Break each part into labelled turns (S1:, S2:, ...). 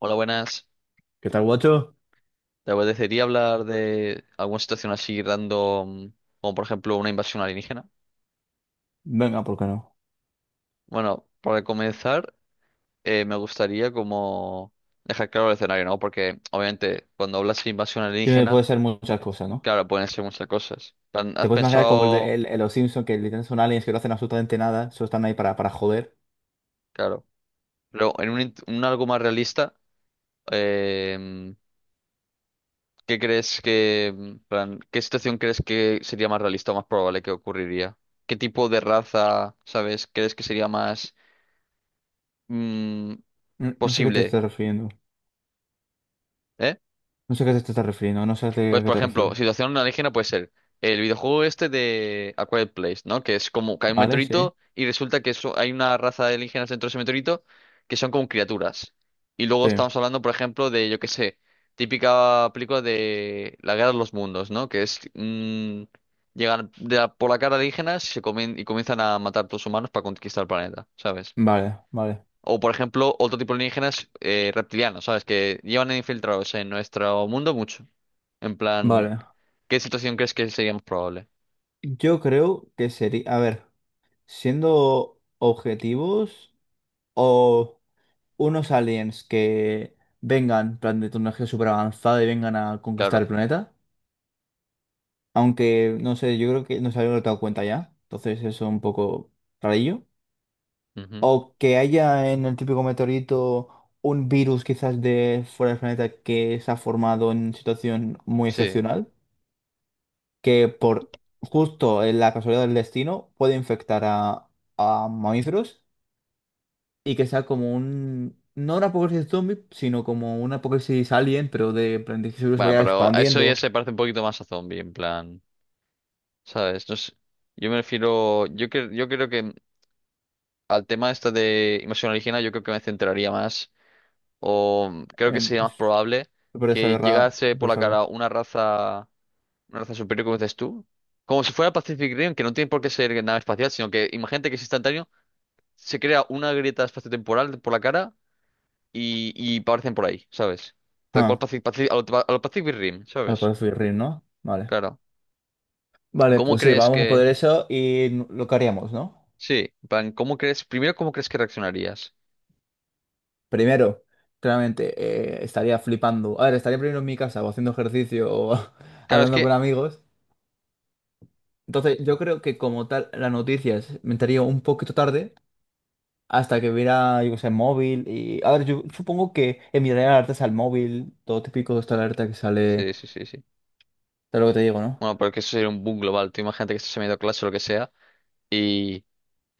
S1: Hola, buenas.
S2: ¿Qué tal, guacho?
S1: Te apetecería hablar de alguna situación así random, como por ejemplo una invasión alienígena.
S2: Venga, ¿por qué no?
S1: Bueno, para comenzar, me gustaría como dejar claro el escenario, ¿no? Porque obviamente cuando hablas de invasión
S2: Tiene,
S1: alienígena,
S2: puede ser muchas cosas, ¿no?
S1: claro, pueden ser muchas cosas. Plan,
S2: Te
S1: ¿Has
S2: puedes imaginar como el de
S1: pensado?
S2: el los Simpsons, que literalmente son aliens que no hacen absolutamente nada, solo están ahí para joder.
S1: Claro, pero en un algo más realista. eh, ¿Qué crees que, plan, qué situación crees que sería más realista o más probable que ocurriría? ¿Qué tipo de raza, sabes, crees que sería más mm,
S2: No, no sé a qué te
S1: posible,
S2: estás refiriendo.
S1: eh?
S2: No sé a qué te estás refiriendo, no sé a qué
S1: Pues,
S2: a qué
S1: por
S2: te
S1: ejemplo,
S2: refieres.
S1: situación alienígena puede ser el videojuego este de A Quiet Place, ¿no? Que es como cae un
S2: ¿Vale? Sí.
S1: meteorito y resulta que hay una raza de alienígenas dentro de ese meteorito que son como criaturas. Y luego
S2: Sí.
S1: estamos hablando, por ejemplo, de, yo qué sé, típica película de La Guerra de los Mundos, ¿no? Que es... llegan por la cara alienígenas y se comen y comienzan a matar a los humanos para conquistar el planeta, ¿sabes?
S2: Vale, vale,
S1: O, por ejemplo, otro tipo de alienígenas reptilianos, ¿sabes? Que llevan infiltrados en nuestro mundo mucho. En plan,
S2: vale.
S1: ¿qué situación crees que sería más probable?
S2: Yo creo que sería, a ver, siendo objetivos o unos aliens que vengan, en plan de tecnología súper avanzada y vengan a conquistar
S1: Claro.
S2: el planeta. Aunque, no sé, yo creo que no se había dado cuenta ya. Entonces eso es un poco rarillo.
S1: Ujú.
S2: O que haya en el típico meteorito un virus quizás de fuera del planeta que se ha formado en situación muy
S1: Sí.
S2: excepcional. Que por justo en la casualidad del destino puede infectar a mamíferos. Y que sea como un No un apocalipsis zombie, sino como un apocalipsis alien, pero de, en plan de que ese virus se
S1: Bueno,
S2: vaya
S1: pero a eso ya
S2: expandiendo.
S1: se parece un poquito más a zombie, en plan, ¿sabes? No sé. Yo me refiero, yo, yo creo que al tema este de invasión alienígena, yo creo que me centraría más, o creo que
S2: En-
S1: sería más
S2: es
S1: probable
S2: súper
S1: que
S2: desagradable,
S1: llegase por
S2: súper
S1: la cara
S2: desagradable.
S1: una raza. Una raza superior, como dices tú. Como si fuera Pacific Rim, que no tiene por qué ser nada espacial, sino que imagínate que es instantáneo, se crea una grieta espaciotemporal por la cara y aparecen por ahí, ¿sabes? Tal cual
S2: Ah.
S1: Pacific, a lo Pacific Rim,
S2: Ah,
S1: ¿sabes?
S2: podemos subir, ¿no? Vale.
S1: Claro.
S2: Vale,
S1: ¿Cómo
S2: pues sí,
S1: crees
S2: vamos a
S1: que...?
S2: poder eso y n- lo que haríamos, ¿no?
S1: Sí, en plan, ¿cómo crees? Primero, ¿cómo crees que reaccionarías?
S2: Primero, claramente, estaría flipando. A ver, estaría primero en mi casa o haciendo ejercicio o
S1: Claro, es
S2: hablando con
S1: que...
S2: amigos. Entonces, yo creo que como tal, las noticias me entraría un poquito tarde hasta que viera, yo qué sé, móvil y A ver, yo supongo que enviaría alertas al móvil, todo típico de esta alerta que sale
S1: Sí, sí, sí, sí.
S2: de lo que te digo, ¿no?
S1: Bueno, pero que eso sería un boom global. Tú imagínate que estás en medio de clase o lo que sea y...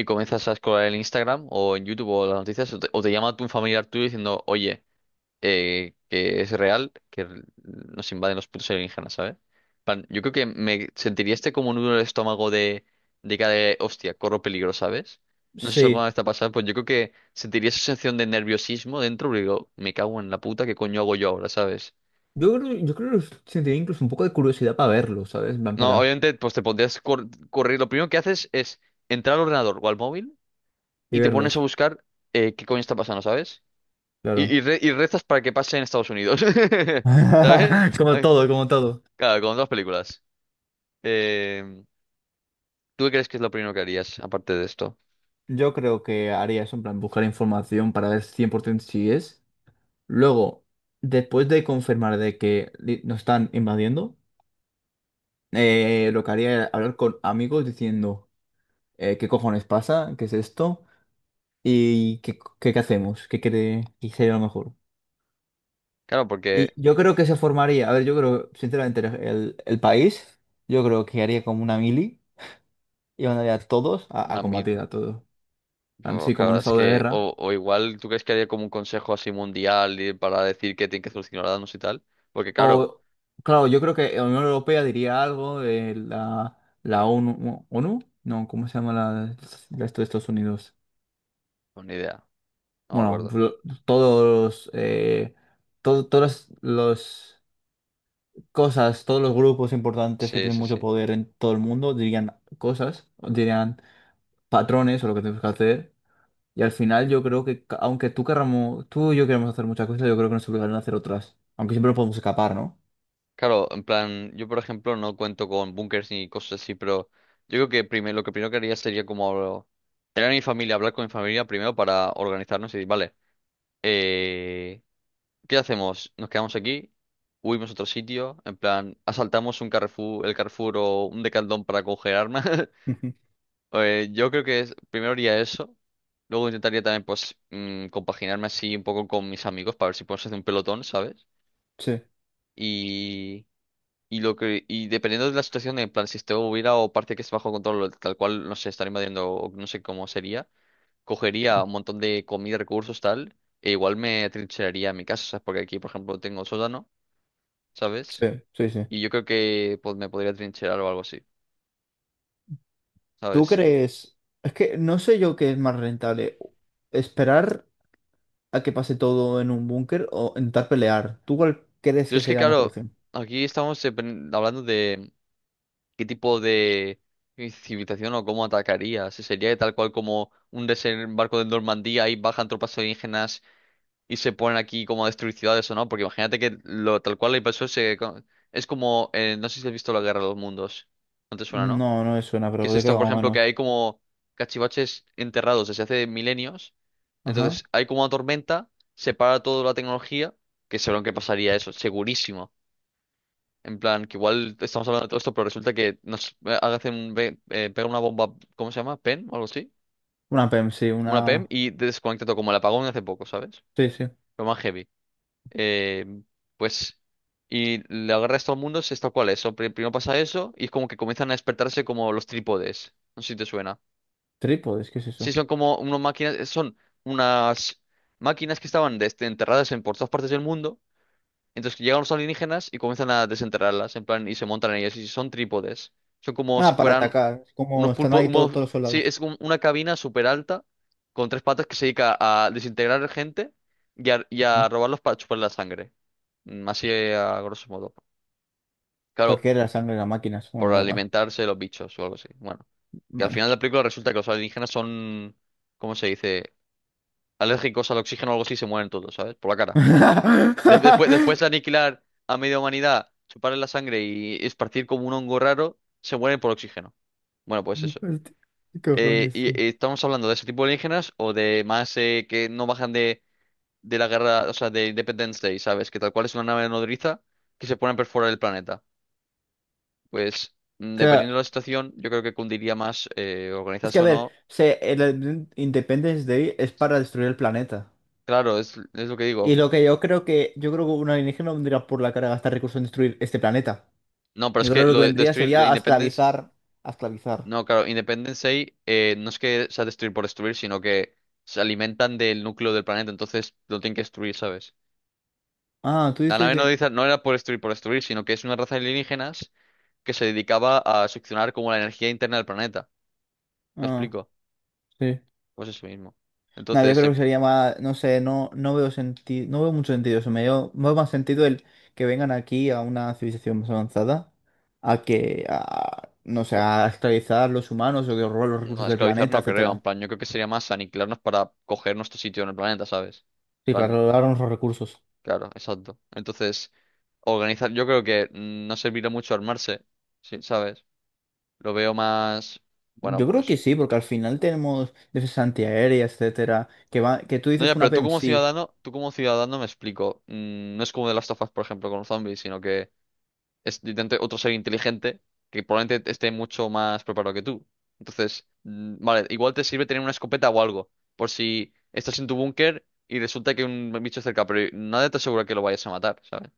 S1: Y comienzas a escolar en Instagram o en YouTube o las noticias o te llama tu familiar tuyo diciendo, oye... que es real nos invaden los putos alienígenas, ¿sabes? Plan, yo creo que me sentiría este como nudo en el estómago de cara de, hostia, corro peligro, ¿sabes? No sé si alguna
S2: Sí.
S1: vez te ha pasado, pues yo creo que sentiría esa sensación de nerviosismo dentro, porque digo, me cago en la puta, ¿qué coño hago yo ahora?, ¿sabes?
S2: Yo creo que sentiría incluso un poco de curiosidad para verlos, ¿sabes? En plan,
S1: No,
S2: para
S1: obviamente, pues te pondrías correr. Lo primero que haces es entrar al ordenador o al móvil
S2: Y
S1: y te pones a
S2: verlos.
S1: buscar qué coño está pasando, ¿sabes? Y,
S2: Claro.
S1: y, re- y rezas para que pase en Estados Unidos, ¿sabes?
S2: Como
S1: Ay,
S2: todo, como todo.
S1: claro, con dos películas. Eh, ¿Tú qué crees que es lo primero que harías aparte de esto?
S2: Yo creo que haría eso, en plan, buscar información para ver 100% si es. Luego, después de confirmar de que li- nos están invadiendo, lo que haría era hablar con amigos diciendo qué cojones pasa, qué es esto y qué hacemos, qué cree que sería lo mejor.
S1: Claro,
S2: Y
S1: porque
S2: yo creo que se formaría, a ver, yo creo, sinceramente, el país, yo creo que haría como una mili y mandaría a todos a
S1: a mí,
S2: combatir a todos.
S1: bueno,
S2: Así como un
S1: claro, es
S2: estado de
S1: que,
S2: guerra.
S1: o igual, ¿tú crees que haría como un consejo así mundial y para decir que tienen que solucionar danos y tal? Porque claro,
S2: O, claro, yo creo que la Unión Europea diría algo, la ONU, ¿ONU? No, ¿cómo se llama la esto de Estados Unidos?
S1: pues ni idea, no me
S2: Bueno,
S1: acuerdo.
S2: blo- todos, to- todas las cosas, todos los grupos importantes que
S1: Sí,
S2: tienen
S1: sí,
S2: mucho
S1: sí.
S2: poder en todo el mundo dirían cosas, dirían patrones o lo que tenemos que hacer. Y al
S1: Ujú.
S2: final yo creo que, ca- aunque tú querramos, tú y yo queremos hacer muchas cosas, yo creo que nos obligarán a hacer otras. Aunque siempre nos podemos escapar, ¿no?
S1: Claro, en plan, yo por ejemplo no cuento con bunkers ni cosas así, pero yo creo que primero, lo que primero que haría sería como tener a mi familia, hablar con mi familia primero para organizarnos y decir, vale. eh, ¿Qué hacemos? ¿Nos quedamos aquí? ¿Huimos a otro sitio? En plan, asaltamos un Carrefour, el Carrefour o un Decathlon para congelarnos.
S2: Ujú.
S1: Yo creo que primero haría eso. Luego intentaría también, pues, compaginarme así un poco con mis amigos para ver si podemos hacer un pelotón, ¿sabes?
S2: Sí,
S1: Y, y dependiendo de la situación, en plan, si esto hubiera o parte que es bajo control, tal cual, no sé, estar invadiendo, o no sé cómo sería, cogería un montón de comida, recursos, tal, e igual me trincheraría en mi casa, ¿sabes? Porque aquí, por ejemplo, tengo sótano, ¿sabes?
S2: sí, sí, sí.
S1: Y yo creo que pues, me podría trincherar o algo así,
S2: ¿Tú
S1: ¿sabes?
S2: crees? Es que no sé yo qué es más rentable. ¿Esperar a que pase todo en un búnker o intentar pelear? ¿Tú cuál crees
S1: Pero
S2: que
S1: es que,
S2: sería la mejor
S1: claro,
S2: opción?
S1: aquí estamos hablando de qué tipo de civilización o cómo atacaría. Si sería tal cual como un desembarco de Normandía y bajan tropas alienígenas y se ponen aquí como a destruir ciudades o no. Porque imagínate que lo, tal cual la invasión es como, no sé si has visto la Guerra de los Mundos. No te suena, ¿no?
S2: No, no me suena,
S1: Que es
S2: pero de qué
S1: esto, por
S2: hago
S1: ejemplo, que
S2: menos.
S1: hay como cachivaches enterrados desde hace milenios.
S2: Ajá.
S1: Entonces, hay como una tormenta, se para toda la tecnología, que seguro que pasaría eso, segurísimo. En plan, que igual estamos hablando de todo esto, pero resulta que nos pega una bomba, ¿cómo se llama? ¿PEM o algo así?
S2: Una PEM, sí, una.
S1: Una PEM y desconecta todo, como el apagón de hace poco, ¿sabes?
S2: Sí, sí.
S1: Lo más heavy. Eh, pues, y la guerra de todo el mundo es tal cual eso. Primero pasa eso y es como que comienzan a despertarse como los trípodes. No sé si te suena.
S2: Trípodes, ¿qué es
S1: Sí,
S2: eso?
S1: son como unas máquinas, son unas máquinas que estaban enterradas en por todas partes del mundo. Entonces que llegan los alienígenas y comienzan a desenterrarlas, en plan, y se montan en ellas, y son trípodes. Son como si
S2: Ah, para
S1: fueran
S2: atacar. Es como
S1: unos
S2: están
S1: pulpos,
S2: ahí todo-
S1: unos,
S2: todos los
S1: sí,
S2: soldados.
S1: es como una cabina súper alta, con tres patas que se dedica a desintegrar gente y a
S2: Ajá.
S1: robarlos para chupar la sangre. Así a grosso modo.
S2: ¿Para
S1: Claro,
S2: qué era la sangre de las máquinas? Bueno,
S1: por
S2: da igual.
S1: alimentarse de los bichos o algo así. Bueno, que al
S2: Vale.
S1: final de la película resulta que los alienígenas son, ¿cómo se dice? Alérgicos al oxígeno o algo así, se mueren todos, ¿sabes? Por la cara. De- después, después de aniquilar a media humanidad, chuparle la sangre y esparcir como un hongo raro, se mueren por oxígeno. Bueno, pues eso.
S2: Hostia, ¿qué
S1: Eh,
S2: cojones,
S1: y,
S2: tío?
S1: y estamos hablando de ese tipo de alienígenas o de más que no bajan de la guerra, o sea, de Independence Day, ¿sabes? Que tal cual es una nave nodriza que se pone a perforar el planeta. Pues
S2: Que
S1: dependiendo de la situación, yo creo que cundiría más
S2: es que,
S1: organizarse
S2: a
S1: o
S2: ver,
S1: no.
S2: se, el Independence Day es
S1: Sí.
S2: para destruir el planeta.
S1: Claro, es lo que
S2: Y
S1: digo.
S2: lo que yo creo que, yo creo que un alienígena no vendría por la cara a gastar recursos en destruir este planeta.
S1: No, pero es
S2: Yo creo
S1: que
S2: que lo que
S1: lo de
S2: vendría
S1: destruir lo
S2: sería a
S1: Independence.
S2: esclavizar, a esclavizar.
S1: No, claro, Independence Day no es que sea destruir por destruir, sino que se alimentan del núcleo del planeta, entonces lo tienen que destruir, ¿sabes?
S2: Ah, tú
S1: La
S2: dices
S1: nave no,
S2: de
S1: dice, no era por destruir, sino que es una raza de alienígenas que se dedicaba a succionar como la energía interna del planeta. ¿Me
S2: Ah,
S1: explico?
S2: sí.
S1: Pues eso mismo.
S2: No, yo
S1: Entonces,
S2: creo que sería más, no sé, no, no veo sentido, no veo mucho sentido eso. Me veo más sentido el que vengan aquí a una civilización más avanzada, a que, a, no sé,
S1: u-
S2: a esclavizar los humanos o que robar los
S1: no,
S2: recursos del
S1: esclavizar
S2: planeta,
S1: no creo, en
S2: etcétera.
S1: plan, yo creo que sería más aniquilarnos para coger nuestro sitio en el planeta, ¿sabes? En
S2: Sí, para
S1: plan,
S2: robar los recursos.
S1: claro, exacto. Entonces, organizar, yo creo que no servirá mucho armarse, sí, ¿sabes? Lo veo más. Bueno,
S2: Yo creo que
S1: pues.
S2: sí, porque al final tenemos defensa antiaérea, etcétera, que va, que tú
S1: No,
S2: dices
S1: ya,
S2: una
S1: pero
S2: PEM, sí,
S1: tú como ciudadano me explico. No es como de las of Us, por ejemplo, con los zombies, sino que es literalmente otro ser inteligente que probablemente esté mucho más preparado que tú. Entonces, vale, igual te sirve tener una escopeta o algo, por si estás en tu búnker y resulta que hay un bicho cerca, pero nadie te asegura que lo vayas a matar, ¿sabes?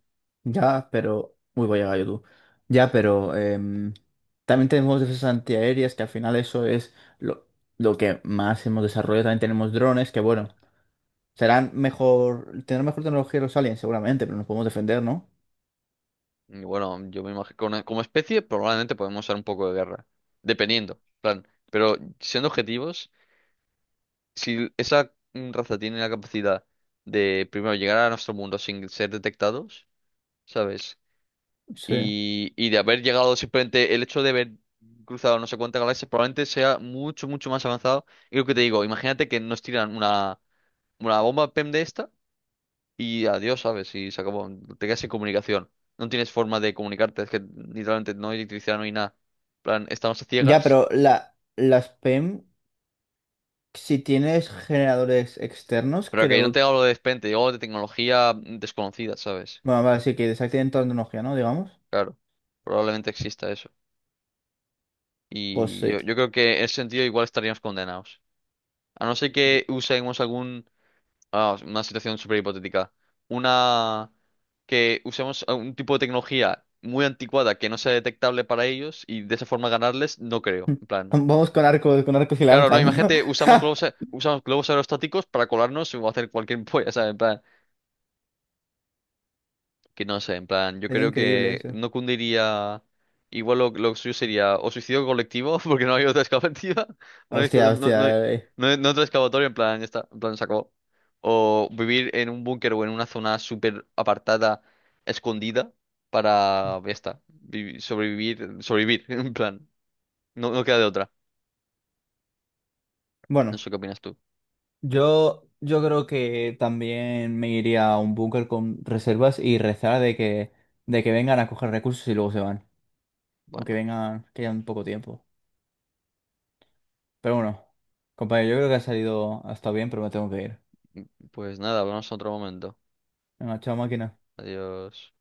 S2: ya, pero Uy, voy a gallo tú. Ya, pero también tenemos defensas antiaéreas, que al final eso es lo que más hemos desarrollado. También tenemos drones, que bueno, serán mejor, tendrán mejor tecnología los aliens, seguramente, pero nos podemos defender, ¿no?
S1: Y bueno, yo me imagino, como especie, probablemente podemos usar un poco de guerra, dependiendo, en plan. Pero siendo objetivos. Si esa raza tiene la capacidad de primero llegar a nuestro mundo sin ser detectados, ¿sabes?
S2: Sí.
S1: Y de haber llegado simplemente el hecho de haber cruzado no sé cuántas galaxias probablemente sea mucho, mucho más avanzado. Y lo que te digo, imagínate que nos tiran una bomba PEM de esta y adiós, ¿sabes? Y se acabó, te quedas sin comunicación. No tienes forma de comunicarte, es que literalmente no hay electricidad, no hay nada. En plan, estamos a
S2: Ya,
S1: ciegas,
S2: pero las PEM, si tienes generadores externos,
S1: pero que yo no
S2: creo
S1: tenga algo de repente, yo de tecnología desconocida, ¿sabes?
S2: Bueno, vale, sí, que desactiven toda la tecnología, ¿no? Digamos.
S1: Claro, probablemente exista eso.
S2: Pues
S1: Y
S2: sí.
S1: yo, yo creo que en ese sentido igual estaríamos condenados. A no ser que usemos algún... ah, una situación súper hipotética. Una... que usemos un tipo de tecnología muy anticuada que no sea detectable para ellos y de esa forma ganarles, no creo. En plan...
S2: Vamos con arcos y
S1: Claro, no,
S2: lanzas, ¿no?
S1: imagínate, usamos globos, usamos globos aerostáticos para colarnos o hacer cualquier polla, ¿sabes? Que no sé, en plan, yo
S2: Sería
S1: creo
S2: increíble
S1: que
S2: eso.
S1: no cundiría. Igual lo suyo sería o suicidio colectivo, porque no hay otra excavativa, no hay,
S2: Hostia,
S1: no,
S2: hostia.
S1: no hay otra excavatoria, en plan, ya está, en plan, se acabó. O vivir en un búnker o en una zona súper apartada, escondida, para, ya está, sobrevivir, sobrevivir, en plan, no, no queda de otra. No
S2: Bueno,
S1: sé qué opinas tú.
S2: yo creo que también me iría a un búnker con reservas y rezar de que vengan a coger recursos y luego se van. O que
S1: Bueno,
S2: vengan, que hayan poco tiempo. Pero bueno, compañero, yo creo que ha salido, ha estado bien, pero me tengo que ir.
S1: pues nada, hablamos en otro momento.
S2: Venga, chao máquina.
S1: Adiós.